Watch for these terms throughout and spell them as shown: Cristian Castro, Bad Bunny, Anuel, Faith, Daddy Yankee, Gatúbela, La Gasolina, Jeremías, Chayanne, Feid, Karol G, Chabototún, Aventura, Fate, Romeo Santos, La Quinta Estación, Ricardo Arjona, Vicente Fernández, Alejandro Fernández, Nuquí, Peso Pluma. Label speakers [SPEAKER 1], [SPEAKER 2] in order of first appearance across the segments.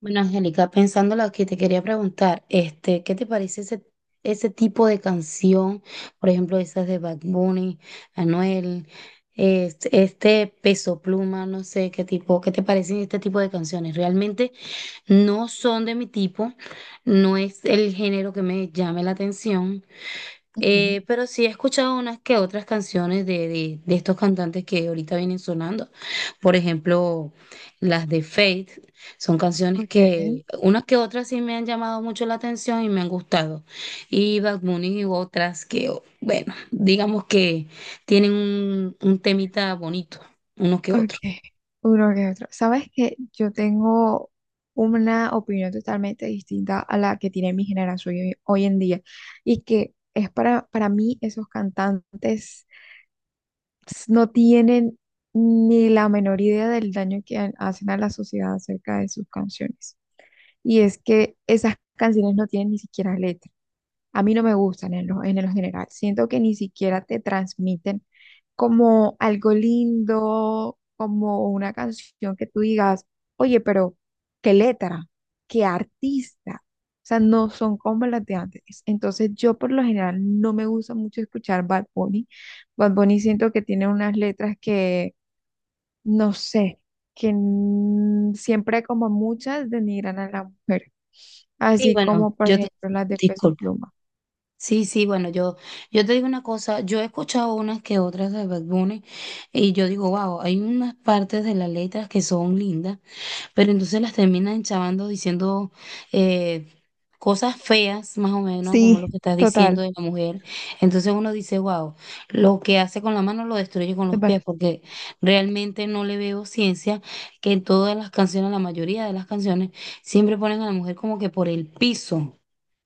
[SPEAKER 1] Bueno, Angélica, pensando lo que te quería preguntar, ¿qué te parece ese tipo de canción? Por ejemplo, esas de Bad Bunny, Anuel, este Peso Pluma, no sé qué tipo, ¿qué te parecen este tipo de canciones? Realmente no son de mi tipo, no es el género que me llame la atención,
[SPEAKER 2] Ujú.
[SPEAKER 1] pero sí he escuchado unas que otras canciones de estos cantantes que ahorita vienen sonando. Por ejemplo, las de Faith son canciones
[SPEAKER 2] Okay,
[SPEAKER 1] que unas que otras sí me han llamado mucho la atención y me han gustado. Y Bad Bunny y otras que, bueno, digamos que tienen un temita bonito, unos que otros.
[SPEAKER 2] okay, uno que otro. Sabes que yo tengo una opinión totalmente distinta a la que tiene mi generación hoy en día y que es para mí. Esos cantantes no tienen ni la menor idea del daño que hacen a la sociedad acerca de sus canciones. Y es que esas canciones no tienen ni siquiera letra. A mí no me gustan en en lo general. Siento que ni siquiera te transmiten como algo lindo, como una canción que tú digas, oye, pero qué letra, qué artista. O sea, no son como las de antes. Entonces, yo por lo general no me gusta mucho escuchar Bad Bunny. Bad Bunny siento que tiene unas letras que, no sé, siempre como muchas denigran a la mujer.
[SPEAKER 1] Sí,
[SPEAKER 2] Así
[SPEAKER 1] bueno,
[SPEAKER 2] como, por ejemplo, las de Peso
[SPEAKER 1] disculpa.
[SPEAKER 2] Pluma.
[SPEAKER 1] Sí, bueno, yo te digo una cosa, yo he escuchado unas que otras de Bad Bunny y yo digo, wow, hay unas partes de las letras que son lindas, pero entonces las terminan chavando diciendo eh, cosas feas, más o menos, como
[SPEAKER 2] Sí,
[SPEAKER 1] lo que estás
[SPEAKER 2] total,
[SPEAKER 1] diciendo de la mujer. Entonces uno dice, wow, lo que hace con la mano lo destruye con
[SPEAKER 2] me
[SPEAKER 1] los pies,
[SPEAKER 2] parece-
[SPEAKER 1] porque realmente no le veo ciencia que en todas las canciones, la mayoría de las canciones, siempre ponen a la mujer como que por el piso.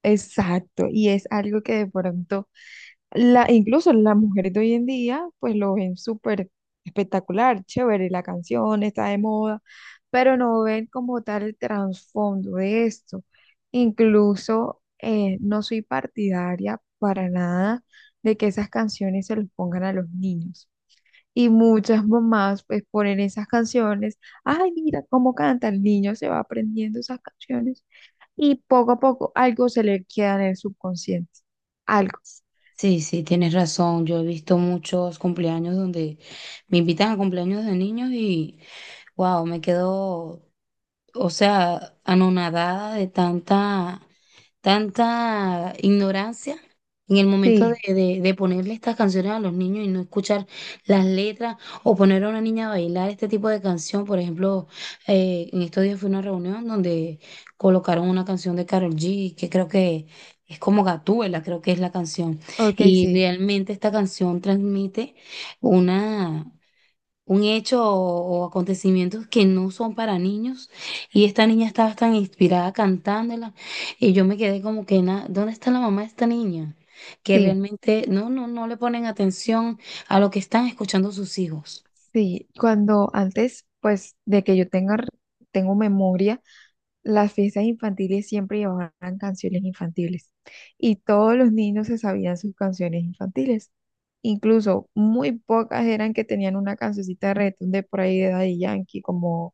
[SPEAKER 2] exacto. Y es algo que de pronto, incluso las mujeres de hoy en día, pues lo ven súper espectacular, chévere, la canción está de moda, pero no ven como tal el trasfondo de esto. Incluso no soy partidaria para nada de que esas canciones se los pongan a los niños. Y muchas mamás pues ponen esas canciones. Ay, mira cómo canta el niño, se va aprendiendo esas canciones. Y poco a poco algo se le queda en el subconsciente. Algo.
[SPEAKER 1] Sí, sí, tienes razón. Yo he visto muchos cumpleaños donde me invitan a cumpleaños de niños y wow, me quedo, o sea, anonadada de tanta tanta ignorancia en el momento
[SPEAKER 2] Sí,
[SPEAKER 1] de ponerle estas canciones a los niños y no escuchar las letras o poner a una niña a bailar este tipo de canción. Por ejemplo, en estos días fue una reunión donde colocaron una canción de Karol G, que creo que es como Gatúbela, creo que es la canción.
[SPEAKER 2] ok,
[SPEAKER 1] Y
[SPEAKER 2] sí,
[SPEAKER 1] realmente esta canción transmite una un hecho o acontecimientos que no son para niños. Y esta niña estaba tan inspirada cantándola. Y yo me quedé como que, ¿dónde está la mamá de esta niña? Que
[SPEAKER 2] sí,
[SPEAKER 1] realmente no le ponen atención a lo que están escuchando sus hijos.
[SPEAKER 2] sí. Cuando antes, pues de que yo tengo memoria, las fiestas infantiles siempre llevaban canciones infantiles y todos los niños se sabían sus canciones infantiles. Incluso muy pocas eran que tenían una cancioncita de reggaetón de por ahí de Daddy Yankee, como,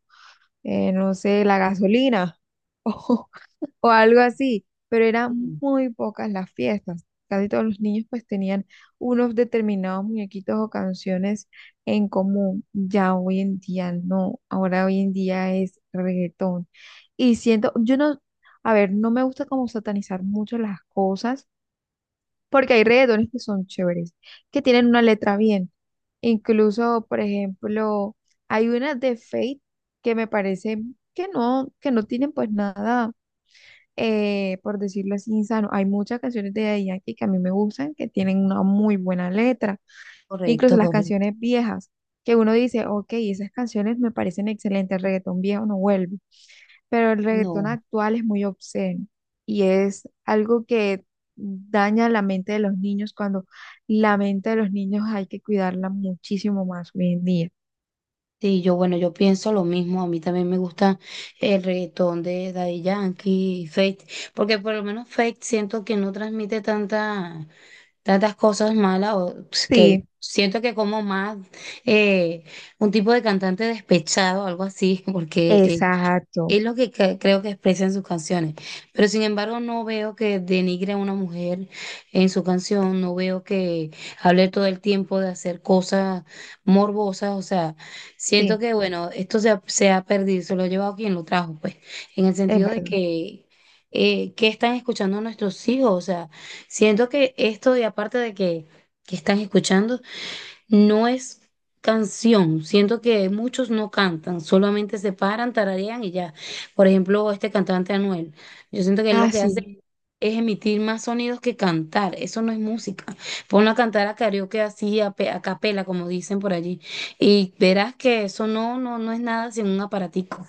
[SPEAKER 2] no sé, La Gasolina o, o algo así, pero
[SPEAKER 1] Sí,
[SPEAKER 2] eran muy pocas las fiestas. Casi todos los niños pues tenían unos determinados muñequitos o canciones en común. Ya hoy en día no, ahora hoy en día es reggaetón. Y siento, yo no, a ver, no me gusta como satanizar mucho las cosas, porque hay reggaetones que son chéveres, que tienen una letra bien. Incluso, por ejemplo, hay una de Fate que me parece que no tienen pues nada por decirlo así, insano. Hay muchas canciones de Daddy Yankee que a mí me gustan, que tienen una muy buena letra. Incluso
[SPEAKER 1] correcto,
[SPEAKER 2] las
[SPEAKER 1] correcto.
[SPEAKER 2] canciones viejas, que uno dice, ok, esas canciones me parecen excelentes, el reggaetón viejo no vuelve, pero el reggaetón
[SPEAKER 1] No.
[SPEAKER 2] actual es muy obsceno y es algo que daña la mente de los niños cuando la mente de los niños hay que cuidarla muchísimo más hoy en día.
[SPEAKER 1] Sí, yo, bueno, yo pienso lo mismo. A mí también me gusta el reggaetón de Daddy Yankee, Feid, porque por lo menos Feid siento que no transmite tanta. Tantas cosas malas o pues, que
[SPEAKER 2] Sí,
[SPEAKER 1] siento que como más eh, un tipo de cantante despechado, algo así, porque
[SPEAKER 2] exacto.
[SPEAKER 1] es lo que creo que expresa en sus canciones. Pero sin embargo, no veo que denigre a una mujer en su canción, no veo que hable todo el tiempo de hacer cosas morbosas. O sea, siento
[SPEAKER 2] Sí,
[SPEAKER 1] que, bueno, esto se ha perdido, se lo ha llevado quien lo trajo, pues, en el
[SPEAKER 2] es
[SPEAKER 1] sentido de
[SPEAKER 2] verdad.
[SPEAKER 1] que, ¿qué están escuchando nuestros hijos? O sea, siento que esto, y aparte de que están escuchando, no es canción, siento que muchos no cantan, solamente se paran, tararean y ya. Por ejemplo, este cantante Anuel, yo siento que él lo
[SPEAKER 2] Ah,
[SPEAKER 1] que hace
[SPEAKER 2] sí.
[SPEAKER 1] es emitir más sonidos que cantar, eso no es música. Ponlo a cantar a karaoke así, a, a capela, como dicen por allí, y verás que eso no es nada sin un aparatico.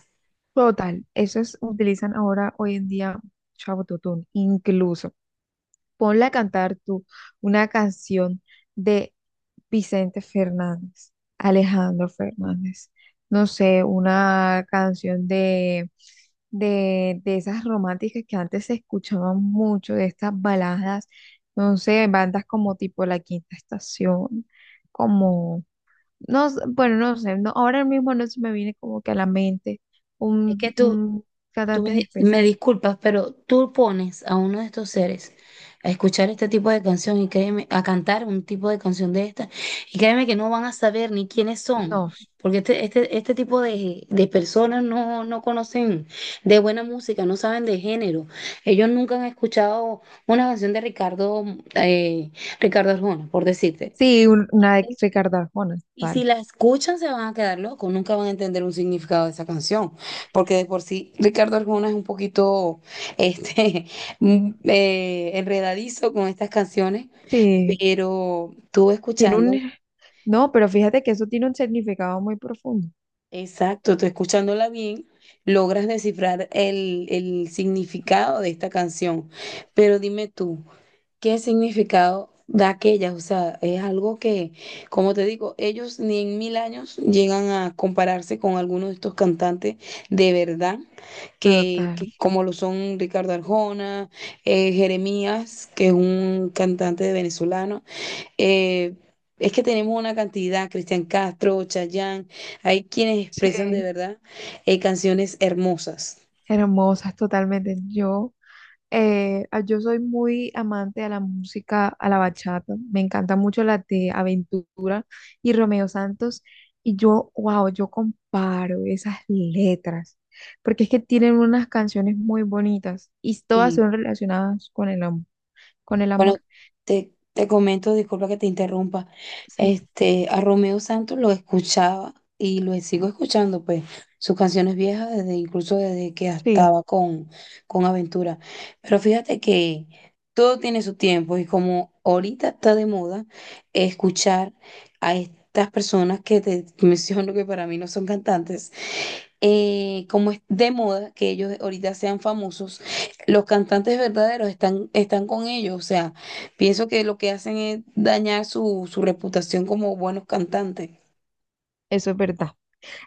[SPEAKER 2] Total, esos utilizan ahora hoy en día Chabototún, incluso. Ponle a cantar tú una canción de Vicente Fernández, Alejandro Fernández, no sé, una canción de esas románticas que antes se escuchaban mucho, de estas baladas, no sé, bandas como tipo La Quinta Estación, bueno, no sé, no, ahora mismo no se me viene como que a la mente
[SPEAKER 1] Es que tú,
[SPEAKER 2] un
[SPEAKER 1] Tú
[SPEAKER 2] cantante
[SPEAKER 1] me,
[SPEAKER 2] en
[SPEAKER 1] me
[SPEAKER 2] específico.
[SPEAKER 1] disculpas, pero tú pones a uno de estos seres a escuchar este tipo de canción y créeme, a cantar un tipo de canción de esta, y créeme que no van a saber ni quiénes son,
[SPEAKER 2] No,
[SPEAKER 1] porque este tipo de personas no conocen de buena música, no saben de género. Ellos nunca han escuchado una canción de Ricardo, eh, Ricardo Arjona, por decirte.
[SPEAKER 2] sí, una de Ricardo Arjona,
[SPEAKER 1] Y si
[SPEAKER 2] tal.
[SPEAKER 1] la escuchan, se van a quedar locos, nunca van a entender un significado de esa canción, porque de por sí Ricardo Arjona es un poquito este, enredadizo con estas canciones,
[SPEAKER 2] Sí,
[SPEAKER 1] pero tú
[SPEAKER 2] tiene
[SPEAKER 1] escuchando,
[SPEAKER 2] un... No, pero fíjate que eso tiene un significado muy profundo.
[SPEAKER 1] exacto, tú escuchándola bien, logras descifrar el significado de esta canción. Pero dime tú, ¿qué significado da aquellas? O sea, es algo que, como te digo, ellos ni en mil años llegan a compararse con algunos de estos cantantes de verdad,
[SPEAKER 2] Total,
[SPEAKER 1] que como lo son Ricardo Arjona, Jeremías, que es un cantante de venezolano. eh, es que tenemos una cantidad, Cristian Castro, Chayanne, hay quienes expresan de
[SPEAKER 2] sí,
[SPEAKER 1] verdad canciones hermosas.
[SPEAKER 2] hermosas totalmente. Yo yo soy muy amante a la música, a la bachata. Me encanta mucho la de Aventura y Romeo Santos. Y yo, wow, yo comparo esas letras, porque es que tienen unas canciones muy bonitas y todas son relacionadas con el amor, con el
[SPEAKER 1] Bueno,
[SPEAKER 2] amor.
[SPEAKER 1] te comento, disculpa que te interrumpa.
[SPEAKER 2] Sí,
[SPEAKER 1] Este, a Romeo Santos lo escuchaba y lo sigo escuchando, pues, sus canciones viejas, desde, incluso desde que
[SPEAKER 2] sí,
[SPEAKER 1] estaba con Aventura. Pero fíjate que todo tiene su tiempo y como ahorita está de moda escuchar a estas personas que te menciono que para mí no son cantantes, como es de moda que ellos ahorita sean famosos los cantantes verdaderos están con ellos, o sea, pienso que lo que hacen es dañar su reputación como buenos cantantes.
[SPEAKER 2] eso es verdad.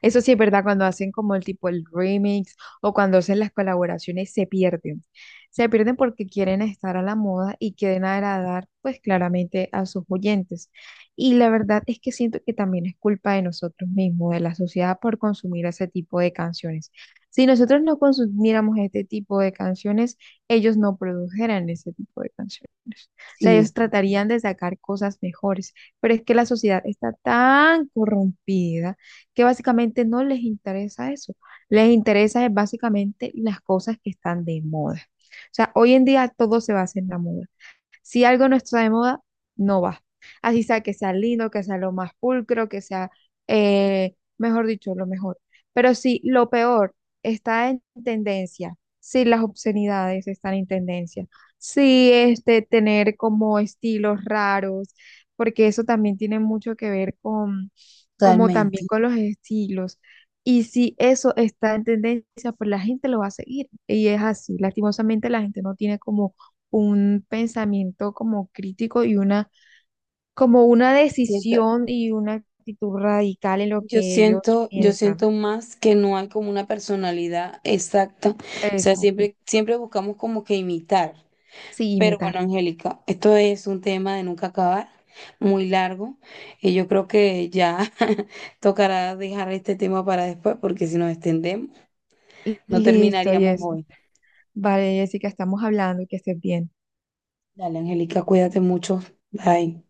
[SPEAKER 2] Eso sí es verdad, cuando hacen como el tipo el remix o cuando hacen las colaboraciones se pierden. Se pierden porque quieren estar a la moda y quieren agradar pues claramente a sus oyentes. Y la verdad es que siento que también es culpa de nosotros mismos, de la sociedad por consumir ese tipo de canciones. Si nosotros no consumiéramos este tipo de canciones, ellos no produjeran ese tipo de canciones. O sea,
[SPEAKER 1] Sí,
[SPEAKER 2] ellos
[SPEAKER 1] sí,
[SPEAKER 2] tratarían de sacar cosas mejores, pero es que la sociedad está tan corrompida que básicamente no les interesa eso. Les interesa es básicamente las cosas que están de moda. O sea, hoy en día todo se basa en la moda. Si algo no está de moda, no va. Así sea que sea lindo, que sea lo más pulcro, que sea, mejor dicho, lo mejor. Pero si lo peor está en tendencia, si las obscenidades están en tendencia, si este tener como estilos raros, porque eso también tiene mucho que ver con como también
[SPEAKER 1] totalmente.
[SPEAKER 2] con los estilos. Y si eso está en tendencia, pues la gente lo va a seguir. Y es así. Lastimosamente la gente no tiene como un pensamiento como crítico y una, como una
[SPEAKER 1] Siento-
[SPEAKER 2] decisión y una actitud radical en lo que ellos
[SPEAKER 1] yo
[SPEAKER 2] piensan.
[SPEAKER 1] siento más que no hay como una personalidad exacta. O sea,
[SPEAKER 2] Exacto.
[SPEAKER 1] siempre buscamos como que imitar.
[SPEAKER 2] Sí,
[SPEAKER 1] Pero bueno,
[SPEAKER 2] imitar.
[SPEAKER 1] Angélica, esto es un tema de nunca acabar, muy largo. Y yo creo que ya tocará dejar este tema para después, porque si nos extendemos, no
[SPEAKER 2] Listo,
[SPEAKER 1] terminaríamos
[SPEAKER 2] Jessica.
[SPEAKER 1] hoy.
[SPEAKER 2] Vale, Jessica, estamos hablando, que estés bien.
[SPEAKER 1] Dale, Angélica, cuídate mucho. Bye.